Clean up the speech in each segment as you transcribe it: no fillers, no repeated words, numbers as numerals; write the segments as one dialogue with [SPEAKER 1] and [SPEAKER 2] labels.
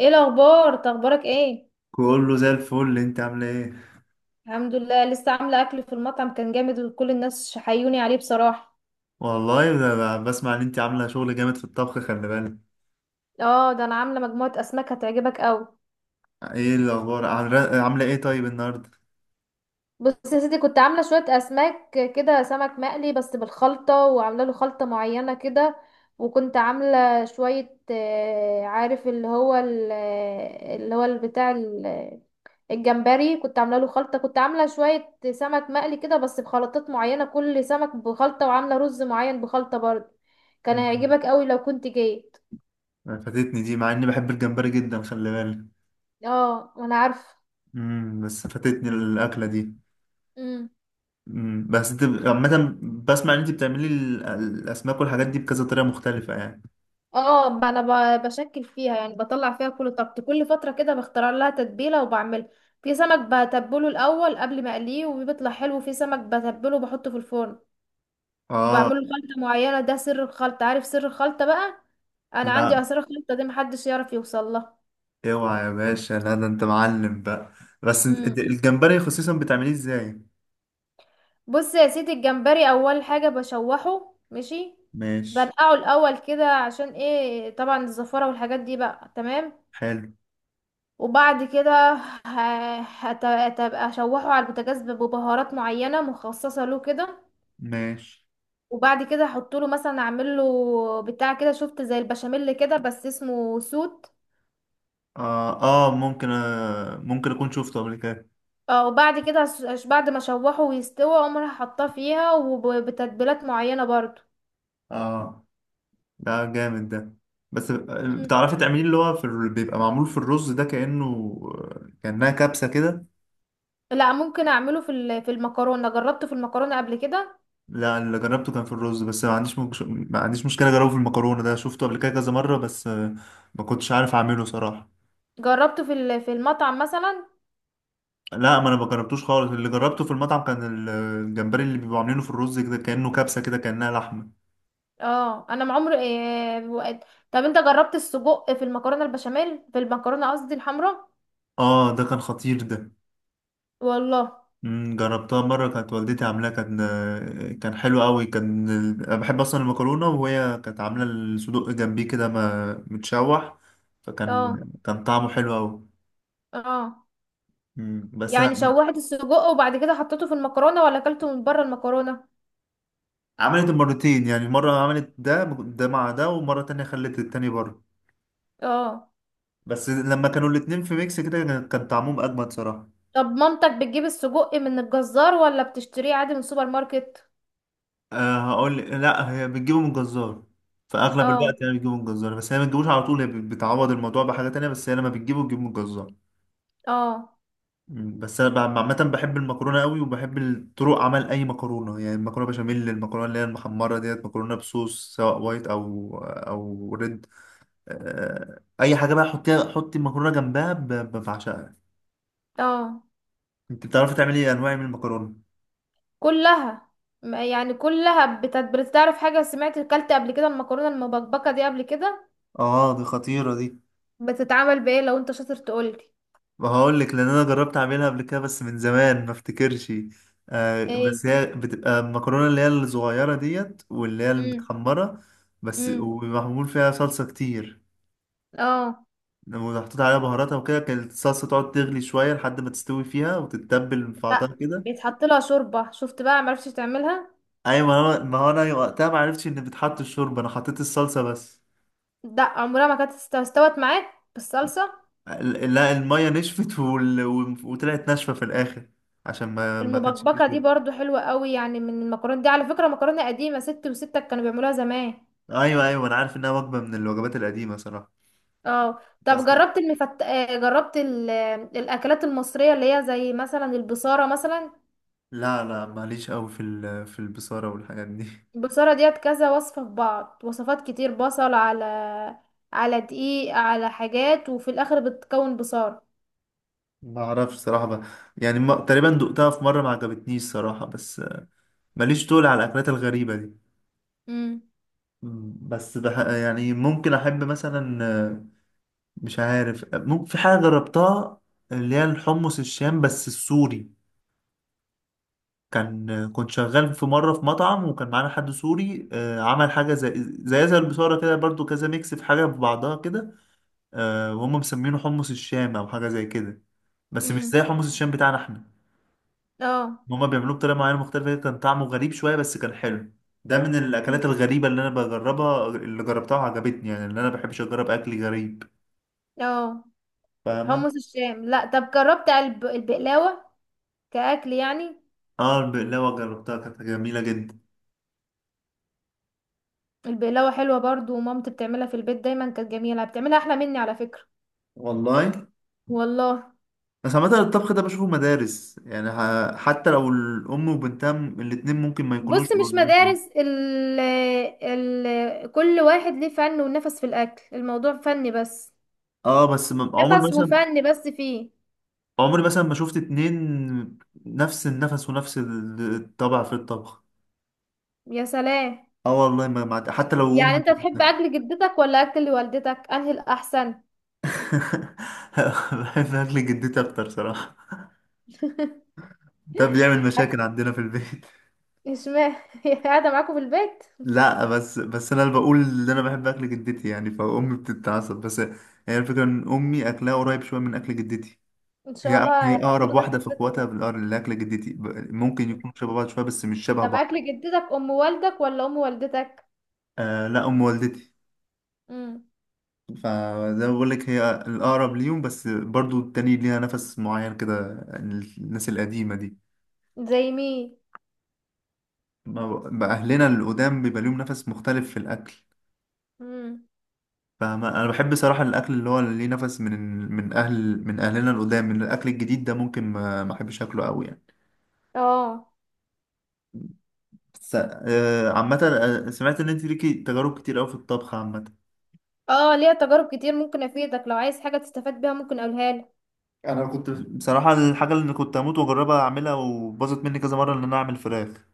[SPEAKER 1] ايه الاخبار، اخبارك ايه؟
[SPEAKER 2] كله زي الفل. انت عامله ايه؟
[SPEAKER 1] الحمد لله. لسه عامله اكل في المطعم كان جامد، وكل الناس حيوني عليه بصراحه.
[SPEAKER 2] والله ده بسمع ان انت عامله شغل جامد في الطبخ، خلي بالك.
[SPEAKER 1] اه، ده انا عامله مجموعه اسماك هتعجبك قوي.
[SPEAKER 2] ايه الاخبار؟ عاملة ايه طيب النهارده؟
[SPEAKER 1] بص يا سيدي، كنت عاملة شوية أسماك كده، سمك مقلي بس بالخلطة، وعاملة له خلطة معينة كده. وكنت عاملة شوية عارف الجمبري، كنت عاملة له خلطة، كنت عاملة شوية سمك مقلي كده بس بخلطات معينة، كل سمك بخلطة، وعاملة رز معين بخلطة برضه. كان
[SPEAKER 2] مم.
[SPEAKER 1] هيعجبك قوي لو كنت جيت.
[SPEAKER 2] فاتتني دي مع اني بحب الجمبري جدا، خلي بالك.
[SPEAKER 1] اه، وانا عارفة.
[SPEAKER 2] بس فاتتني الاكله دي. بس انت عامه بسمع ان انت بتعملي الاسماك والحاجات دي بكذا طريقه مختلفه يعني.
[SPEAKER 1] اه، انا بشكل فيها، يعني بطلع فيها كل طاقتي، كل فتره كده بختار لها تتبيله وبعملها. في سمك بتبله الاول قبل ما اقليه وبيطلع حلو، في سمك بتبله وبحطه في الفرن.
[SPEAKER 2] اه.
[SPEAKER 1] وبعمله خلطه معينه، ده سر الخلطه، عارف سر الخلطه بقى. انا عندي
[SPEAKER 2] لا
[SPEAKER 1] اسرار الخلطه دي محدش يعرف يوصل لها.
[SPEAKER 2] اوعى يا باشا، لا ده انت معلم بقى. بس انت
[SPEAKER 1] امم.
[SPEAKER 2] الجمبري خصيصا بتعمليه ازاي؟
[SPEAKER 1] بص يا سيدي، الجمبري اول حاجه بشوحه. ماشي.
[SPEAKER 2] ماشي.
[SPEAKER 1] بنقعه الاول كده، عشان ايه؟ طبعا الزفاره والحاجات دي بقى. تمام.
[SPEAKER 2] حلو.
[SPEAKER 1] وبعد كده هتبقى اشوحه على البوتاجاز ببهارات معينه مخصصه له كده.
[SPEAKER 2] ماشي.
[SPEAKER 1] وبعد كده احط له مثلا، اعمل له بتاع كده، شفت زي البشاميل كده بس اسمه سوت.
[SPEAKER 2] آه, ممكن ممكن أكون شفته قبل كده.
[SPEAKER 1] اه، وبعد كده بعد ما اشوحه ويستوي اقوم رايحة حاطاه فيها وبتتبيلات معينه برضو.
[SPEAKER 2] آه ده جامد ده. بس
[SPEAKER 1] مم.
[SPEAKER 2] بتعرفي تعمليه اللي هو في ال... بيبقى معمول في الرز ده كأنه كأنها كبسة كده.
[SPEAKER 1] لا، ممكن اعمله في المكرونه، جربته في المكرونه قبل كده.
[SPEAKER 2] لا اللي جربته كان في الرز بس ما عنديش ما عنديش مشكلة أجربه في المكرونة، ده شفته قبل كده كذا مرة بس ما كنتش عارف أعمله صراحة.
[SPEAKER 1] جربته في المطعم مثلا.
[SPEAKER 2] لا ما أنا ما جربتوش خالص، اللي جربته في المطعم كان ال- الجمبري اللي بيبقوا عاملينه في الرز كده كأنه كبسة كده كأنها لحمة.
[SPEAKER 1] اه، انا ما عمري إيه وقت. طب انت جربت السجق في المكرونه البشاميل، في المكرونه قصدي الحمراء؟
[SPEAKER 2] آه ده كان خطير ده.
[SPEAKER 1] والله.
[SPEAKER 2] جربتها مرة كانت والدتي عاملاها، كان حلو قوي. أنا بحب أصلا المكرونة، وهي كانت عاملة الصدوق جنبيه كده ما متشوح، فكان
[SPEAKER 1] اه،
[SPEAKER 2] كان طعمه حلو قوي.
[SPEAKER 1] اه.
[SPEAKER 2] مم، بس
[SPEAKER 1] يعني
[SPEAKER 2] أنا-
[SPEAKER 1] شوحت السجق وبعد كده حطيته في المكرونه، ولا اكلته من بره المكرونه؟
[SPEAKER 2] عملت مرتين يعني، مرة عملت ده ده مع ده، ومرة تانية خلت التاني بره.
[SPEAKER 1] اه.
[SPEAKER 2] بس لما كانوا الاتنين في ميكس كده كان طعمهم أجمد صراحة.
[SPEAKER 1] طب مامتك بتجيب السجق من الجزار، ولا بتشتريه عادي من السوبر ماركت؟
[SPEAKER 2] أه هقول لا، هي بتجيبه من الجزار. في أغلب
[SPEAKER 1] اه،
[SPEAKER 2] الوقت هي بتجيبه من الجزار، بس هي ما بتجيبوش على طول، هي بتعوض الموضوع بحاجة تانية، بس هي لما بتجيبه بتجيبه من الجزار.
[SPEAKER 1] اه،
[SPEAKER 2] بس انا عامه بحب المكرونه قوي، وبحب طرق عمل اي مكرونه، يعني المكرونه بشاميل، المكرونه اللي هي المحمره ديت، مكرونه بصوص سواء وايت او ريد. اي حاجه بقى، حطيها حطي المكرونه جنبها بعشقها.
[SPEAKER 1] اه.
[SPEAKER 2] انت بتعرفي تعملي انواع من المكرونه؟
[SPEAKER 1] كلها. يعني كلها بتعرف. حاجه، سمعت اكلت قبل كده المكرونه المبكبكه دي قبل كده؟
[SPEAKER 2] اه دي خطيره دي.
[SPEAKER 1] بتتعمل بايه؟ لو انت شاطر تقولي.
[SPEAKER 2] وهقول لك، لان انا جربت اعملها قبل كده بس من زمان، ما افتكرش. آه
[SPEAKER 1] ايه؟
[SPEAKER 2] بس هي بتبقى المكرونه اللي هي الصغيره ديت، واللي هي المتحمره، بس
[SPEAKER 1] امم.
[SPEAKER 2] ومعمول فيها صلصه كتير.
[SPEAKER 1] اه.
[SPEAKER 2] لما محطوط عليها بهاراتها وكده، كانت الصلصة تقعد تغلي شوية لحد ما تستوي فيها وتتبل في
[SPEAKER 1] لا.
[SPEAKER 2] بعضها كده.
[SPEAKER 1] بيتحط لها شوربه، شفت بقى؟ معرفتش تعملها.
[SPEAKER 2] أيوة، ما هو أنا وقتها ما عرفتش إن بتحط الشوربة، أنا حطيت الصلصة بس.
[SPEAKER 1] لا، عمرها ما كانت استوت معاك بالصلصه.
[SPEAKER 2] لا المية نشفت وطلعت ناشفة في الآخر، عشان ما كانش فيه
[SPEAKER 1] المبكبكه دي
[SPEAKER 2] شوربة.
[SPEAKER 1] برضو حلوه قوي، يعني من المكرونه دي. على فكره مكرونه قديمه، ستي وستك كانوا بيعملوها زمان.
[SPEAKER 2] أيوة، أنا عارف إنها وجبة من الوجبات القديمة صراحة.
[SPEAKER 1] اه. طب
[SPEAKER 2] بس
[SPEAKER 1] جربت المفت... آه، جربت ال... آه، الاكلات المصريه اللي هي زي مثلا البصاره مثلا؟
[SPEAKER 2] لا، لا ماليش قوي في ال... في البصارة والحاجات دي
[SPEAKER 1] البصاره ديت كذا وصفه في بعض، وصفات كتير، بصل على دقيق على حاجات، وفي الاخر بتكون بصاره.
[SPEAKER 2] ما اعرفش صراحة بقى. يعني ما... تقريبا دقتها في مرة ما عجبتنيش صراحة، بس ماليش طول على الأكلات الغريبة دي.
[SPEAKER 1] امم.
[SPEAKER 2] بس بح يعني، ممكن احب مثلا مش عارف، ممكن في حاجه جربتها اللي هي الحمص الشام بس السوري. كان كنت شغال في مره في مطعم وكان معانا حد سوري، عمل حاجه زي زي البصاره كده برضو، كذا ميكس في حاجه في بعضها كده. وهم مسمينه حمص الشام او حاجه زي كده، بس مش
[SPEAKER 1] امم.
[SPEAKER 2] زي حمص الشام بتاعنا احنا.
[SPEAKER 1] اه.
[SPEAKER 2] هما بيعملوه بطريقه معينه مختلفه، كان طعمه غريب شويه بس كان حلو. ده من
[SPEAKER 1] مم.
[SPEAKER 2] الاكلات الغريبه اللي انا بجربها، اللي جربتها وعجبتني يعني، اللي انا بحبش اجرب اكل غريب.
[SPEAKER 1] اه.
[SPEAKER 2] فاهمة؟
[SPEAKER 1] حمص الشام؟ لا، طب جربت البقلاوة كأكل يعني؟
[SPEAKER 2] اه البقلاوة جربتها كانت جميلة جدا.
[SPEAKER 1] البقلاوة حلوة برضو، ومامتي بتعملها في البيت دايما، كانت جميلة، بتعملها أحلى مني على فكرة.
[SPEAKER 2] والله.
[SPEAKER 1] والله.
[SPEAKER 2] بس عامة الطبخ ده بشوفه مدارس، يعني حتى لو الأم وبنتها الاتنين ممكن ما
[SPEAKER 1] بص،
[SPEAKER 2] يكونوش
[SPEAKER 1] مش
[SPEAKER 2] قريبين
[SPEAKER 1] مدارس،
[SPEAKER 2] من-.
[SPEAKER 1] ال ال كل واحد ليه فن ونفس في الأكل، الموضوع فن بس.
[SPEAKER 2] اه بس
[SPEAKER 1] نفس وفن، بس فيه.
[SPEAKER 2] عمري مثلا ما شفت اتنين نفس النفس ونفس الطبع في الطبخ.
[SPEAKER 1] يا سلام.
[SPEAKER 2] اه والله حتى لو
[SPEAKER 1] يعني
[SPEAKER 2] أم.
[SPEAKER 1] انت تحب أكل جدتك ولا أكل والدتك، أنهي الأحسن؟
[SPEAKER 2] بحب أكل جدتي أكتر صراحة، ده بيعمل
[SPEAKER 1] أكل.
[SPEAKER 2] مشاكل عندنا في البيت.
[SPEAKER 1] اشمعنى؟ هي قاعدة معاكم في البيت؟
[SPEAKER 2] لا بس انا اللي بقول ان انا بحب اكل جدتي يعني فامي بتتعصب، بس هي الفكره ان امي اكلها قريب شويه من اكل جدتي.
[SPEAKER 1] ان شاء
[SPEAKER 2] هي
[SPEAKER 1] الله
[SPEAKER 2] هي اقرب
[SPEAKER 1] هتطردك من
[SPEAKER 2] واحده في
[SPEAKER 1] البيت
[SPEAKER 2] اخواتها
[SPEAKER 1] ده.
[SPEAKER 2] لاكل جدتي، ممكن يكون شبه بعض شويه بس مش شبه
[SPEAKER 1] طب
[SPEAKER 2] بعض.
[SPEAKER 1] اكل جدتك، ام والدك ولا ام والدتك؟
[SPEAKER 2] آه لا ام والدتي.
[SPEAKER 1] امم.
[SPEAKER 2] فزي ما بقول لك هي الاقرب ليهم، بس برضو التاني ليها نفس معين كده، الناس القديمه دي.
[SPEAKER 1] زي مين؟
[SPEAKER 2] بقى اهلنا القدام بيبقى ليهم نفس مختلف في الاكل.
[SPEAKER 1] امم.
[SPEAKER 2] فاهمة؟ انا بحب صراحة الاكل اللي هو اللي ليه نفس من من اهل من اهلنا القدام. من الاكل الجديد ده ممكن ما احبش اكله قوي يعني.
[SPEAKER 1] اه.
[SPEAKER 2] بس عامة، سمعت ان انت ليكي تجارب كتير قوي في الطبخ عامة.
[SPEAKER 1] اه. ليها تجارب كتير، ممكن افيدك لو عايز حاجة تستفاد بيها، ممكن اقولها لك.
[SPEAKER 2] انا كنت بصراحة الحاجة اللي كنت اموت واجربها اعملها وباظت مني كذا مرة، ان انا اعمل فراخ.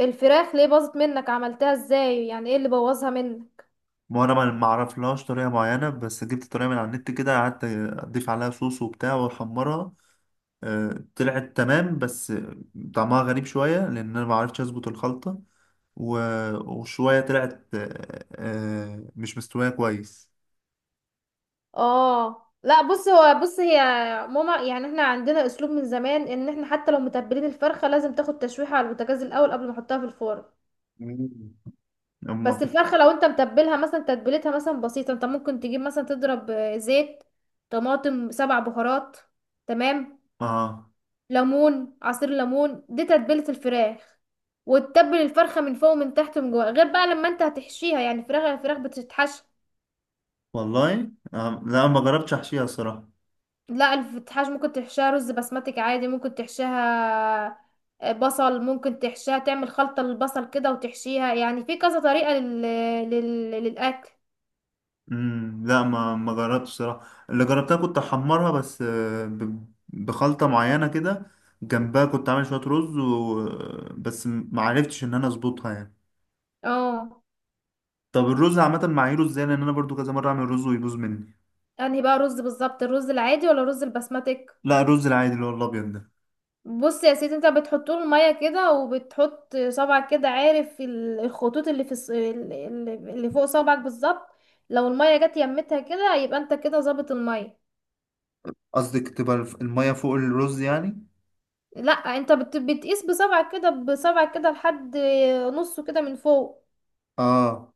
[SPEAKER 1] الفراخ ليه باظت منك؟ عملتها ازاي؟ يعني ايه اللي بوظها منك؟
[SPEAKER 2] ما انا ما اعرفلهاش طريقة معينة، بس جبت طريقة من على النت كده، قعدت اضيف عليها صوص وبتاع واحمرها. طلعت تمام بس طعمها غريب شوية، لان انا ما عرفتش اظبط الخلطة. و- وشوية طلعت مش مستوية كويس.
[SPEAKER 1] اه، لا، بص هو بص هي ماما، يعني احنا عندنا اسلوب من زمان ان احنا حتى لو متبلين الفرخة لازم تاخد تشويحة على البوتاجاز الاول قبل ما احطها في الفرن.
[SPEAKER 2] مم. أما
[SPEAKER 1] بس الفرخة لو انت متبلها مثلا، تتبيلتها مثلا بسيطة، انت ممكن تجيب مثلا، تضرب زيت، طماطم، سبع بهارات، تمام؟
[SPEAKER 2] آه
[SPEAKER 1] ليمون، عصير ليمون، دي تتبيلة الفراخ. وتتبل الفرخة من فوق ومن تحت ومن جوه، غير بقى لما انت هتحشيها، يعني الفراخ بتتحشى.
[SPEAKER 2] والله آه. لا ما جربتش أحشيها صراحة.
[SPEAKER 1] لا، الفتحاش ممكن تحشيها رز بسمتك عادي، ممكن تحشيها. بصل ممكن تحشيها، تعمل خلطة للبصل كده وتحشيها، يعني في كذا طريقة للأكل.
[SPEAKER 2] لا ما جربتش صراحة، اللي جربتها كنت أحمرها بس بخلطة معينة كده، جنبها كنت عامل شوية رز و... بس ما عرفتش إن أنا أظبطها يعني.
[SPEAKER 1] اه.
[SPEAKER 2] طب الرز عامة معاييره إزاي؟ لأن أنا برضو كذا مرة أعمل رز ويبوظ مني.
[SPEAKER 1] انهي بقى رز بالظبط؟ الرز العادي ولا الرز البسمتك؟
[SPEAKER 2] لا الرز العادي اللي هو الأبيض ده.
[SPEAKER 1] بص يا سيدي، انت بتحط له الميه كده، وبتحط صبعك كده، عارف الخطوط اللي في الص- ال- ال- اللي فوق صبعك بالظبط. لو الميه جت يمتها كده يبقى انت كده ظابط الميه.
[SPEAKER 2] قصدك تبقى المية فوق الرز يعني؟
[SPEAKER 1] لا، انت بتقيس بصبعك كده، بصبعك كده لحد نصه كده من فوق.
[SPEAKER 2] آه،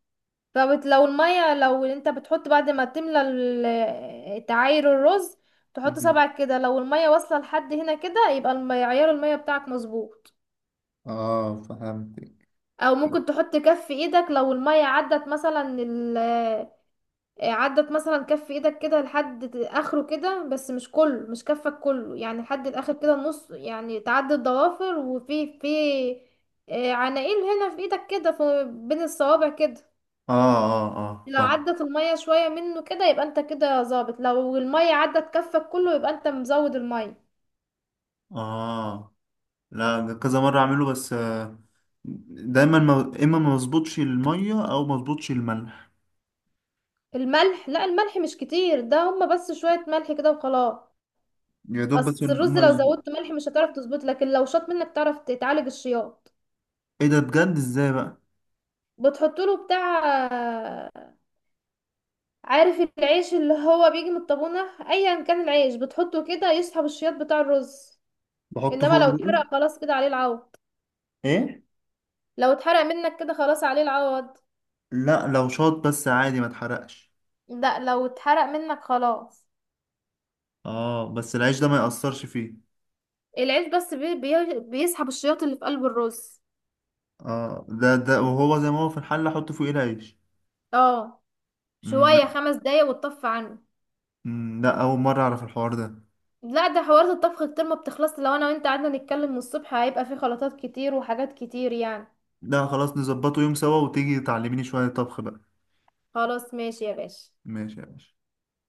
[SPEAKER 1] لو انت بتحط بعد ما تملى تعاير الرز. تحط صبعك كده، لو الميه واصله لحد هنا كده يبقى عيار الميه بتاعك مظبوط.
[SPEAKER 2] اه فهمتك.
[SPEAKER 1] او ممكن تحط كف ايدك، لو المية عدت مثلا عدت مثلا كف ايدك كده لحد اخره كده، بس مش كله، مش كفك كله، يعني لحد الاخر كده نص، يعني تعدي الضوافر، وفي في آه، عناقيل هنا في ايدك كده، في بين الصوابع كده.
[SPEAKER 2] اه
[SPEAKER 1] لو
[SPEAKER 2] فاهم.
[SPEAKER 1] عدت المية شوية منه كده يبقى انت كده ظابط، لو المية عدت كفك كله يبقى انت مزود المية.
[SPEAKER 2] اه لا ده كذا مرة اعمله بس دايما ما مظبوطش المية، او ما مظبوطش الملح.
[SPEAKER 1] الملح، لا الملح مش كتير ده، هما بس شوية ملح كده وخلاص.
[SPEAKER 2] يا دوب بس إن
[SPEAKER 1] اصل الرز
[SPEAKER 2] ما
[SPEAKER 1] لو زودت
[SPEAKER 2] يظبط.
[SPEAKER 1] ملح مش هتعرف تظبط، لكن لو شاط منك تعرف تعالج الشياط.
[SPEAKER 2] ايه ده بجد؟ ازاي بقى؟
[SPEAKER 1] بتحط له بتاع، عارف العيش اللي هو بيجي من الطابونة، ايا كان العيش بتحطه كده يسحب الشياط بتاع الرز.
[SPEAKER 2] بحط
[SPEAKER 1] انما
[SPEAKER 2] فوق
[SPEAKER 1] لو
[SPEAKER 2] الرز؟
[SPEAKER 1] اتحرق خلاص كده عليه العوض.
[SPEAKER 2] ايه؟
[SPEAKER 1] لو اتحرق منك كده خلاص عليه العوض.
[SPEAKER 2] لا لو شاط بس عادي ما اتحرقش.
[SPEAKER 1] لا، لو اتحرق منك خلاص.
[SPEAKER 2] اه بس العيش ده ما يأثرش فيه؟
[SPEAKER 1] العيش بس بي بي بيسحب الشياط اللي في قلب الرز.
[SPEAKER 2] اه ده ده وهو زي ما هو في الحلة احط فوقيه العيش؟
[SPEAKER 1] اه.
[SPEAKER 2] مم،
[SPEAKER 1] شوية،
[SPEAKER 2] لا
[SPEAKER 1] 5 دقايق وتطفى عنه.
[SPEAKER 2] مم، لا، اول مرة اعرف الحوار ده.
[SPEAKER 1] لا، ده حوارات الطبخ كتير، ما بتخلص، لو انا وانت قعدنا نتكلم من الصبح هيبقى في خلطات كتير وحاجات كتير يعني.
[SPEAKER 2] لا خلاص، نظبطه يوم سوا وتيجي تعلميني شوية طبخ بقى.
[SPEAKER 1] خلاص ماشي يا باشا.
[SPEAKER 2] ماشي يا باشا.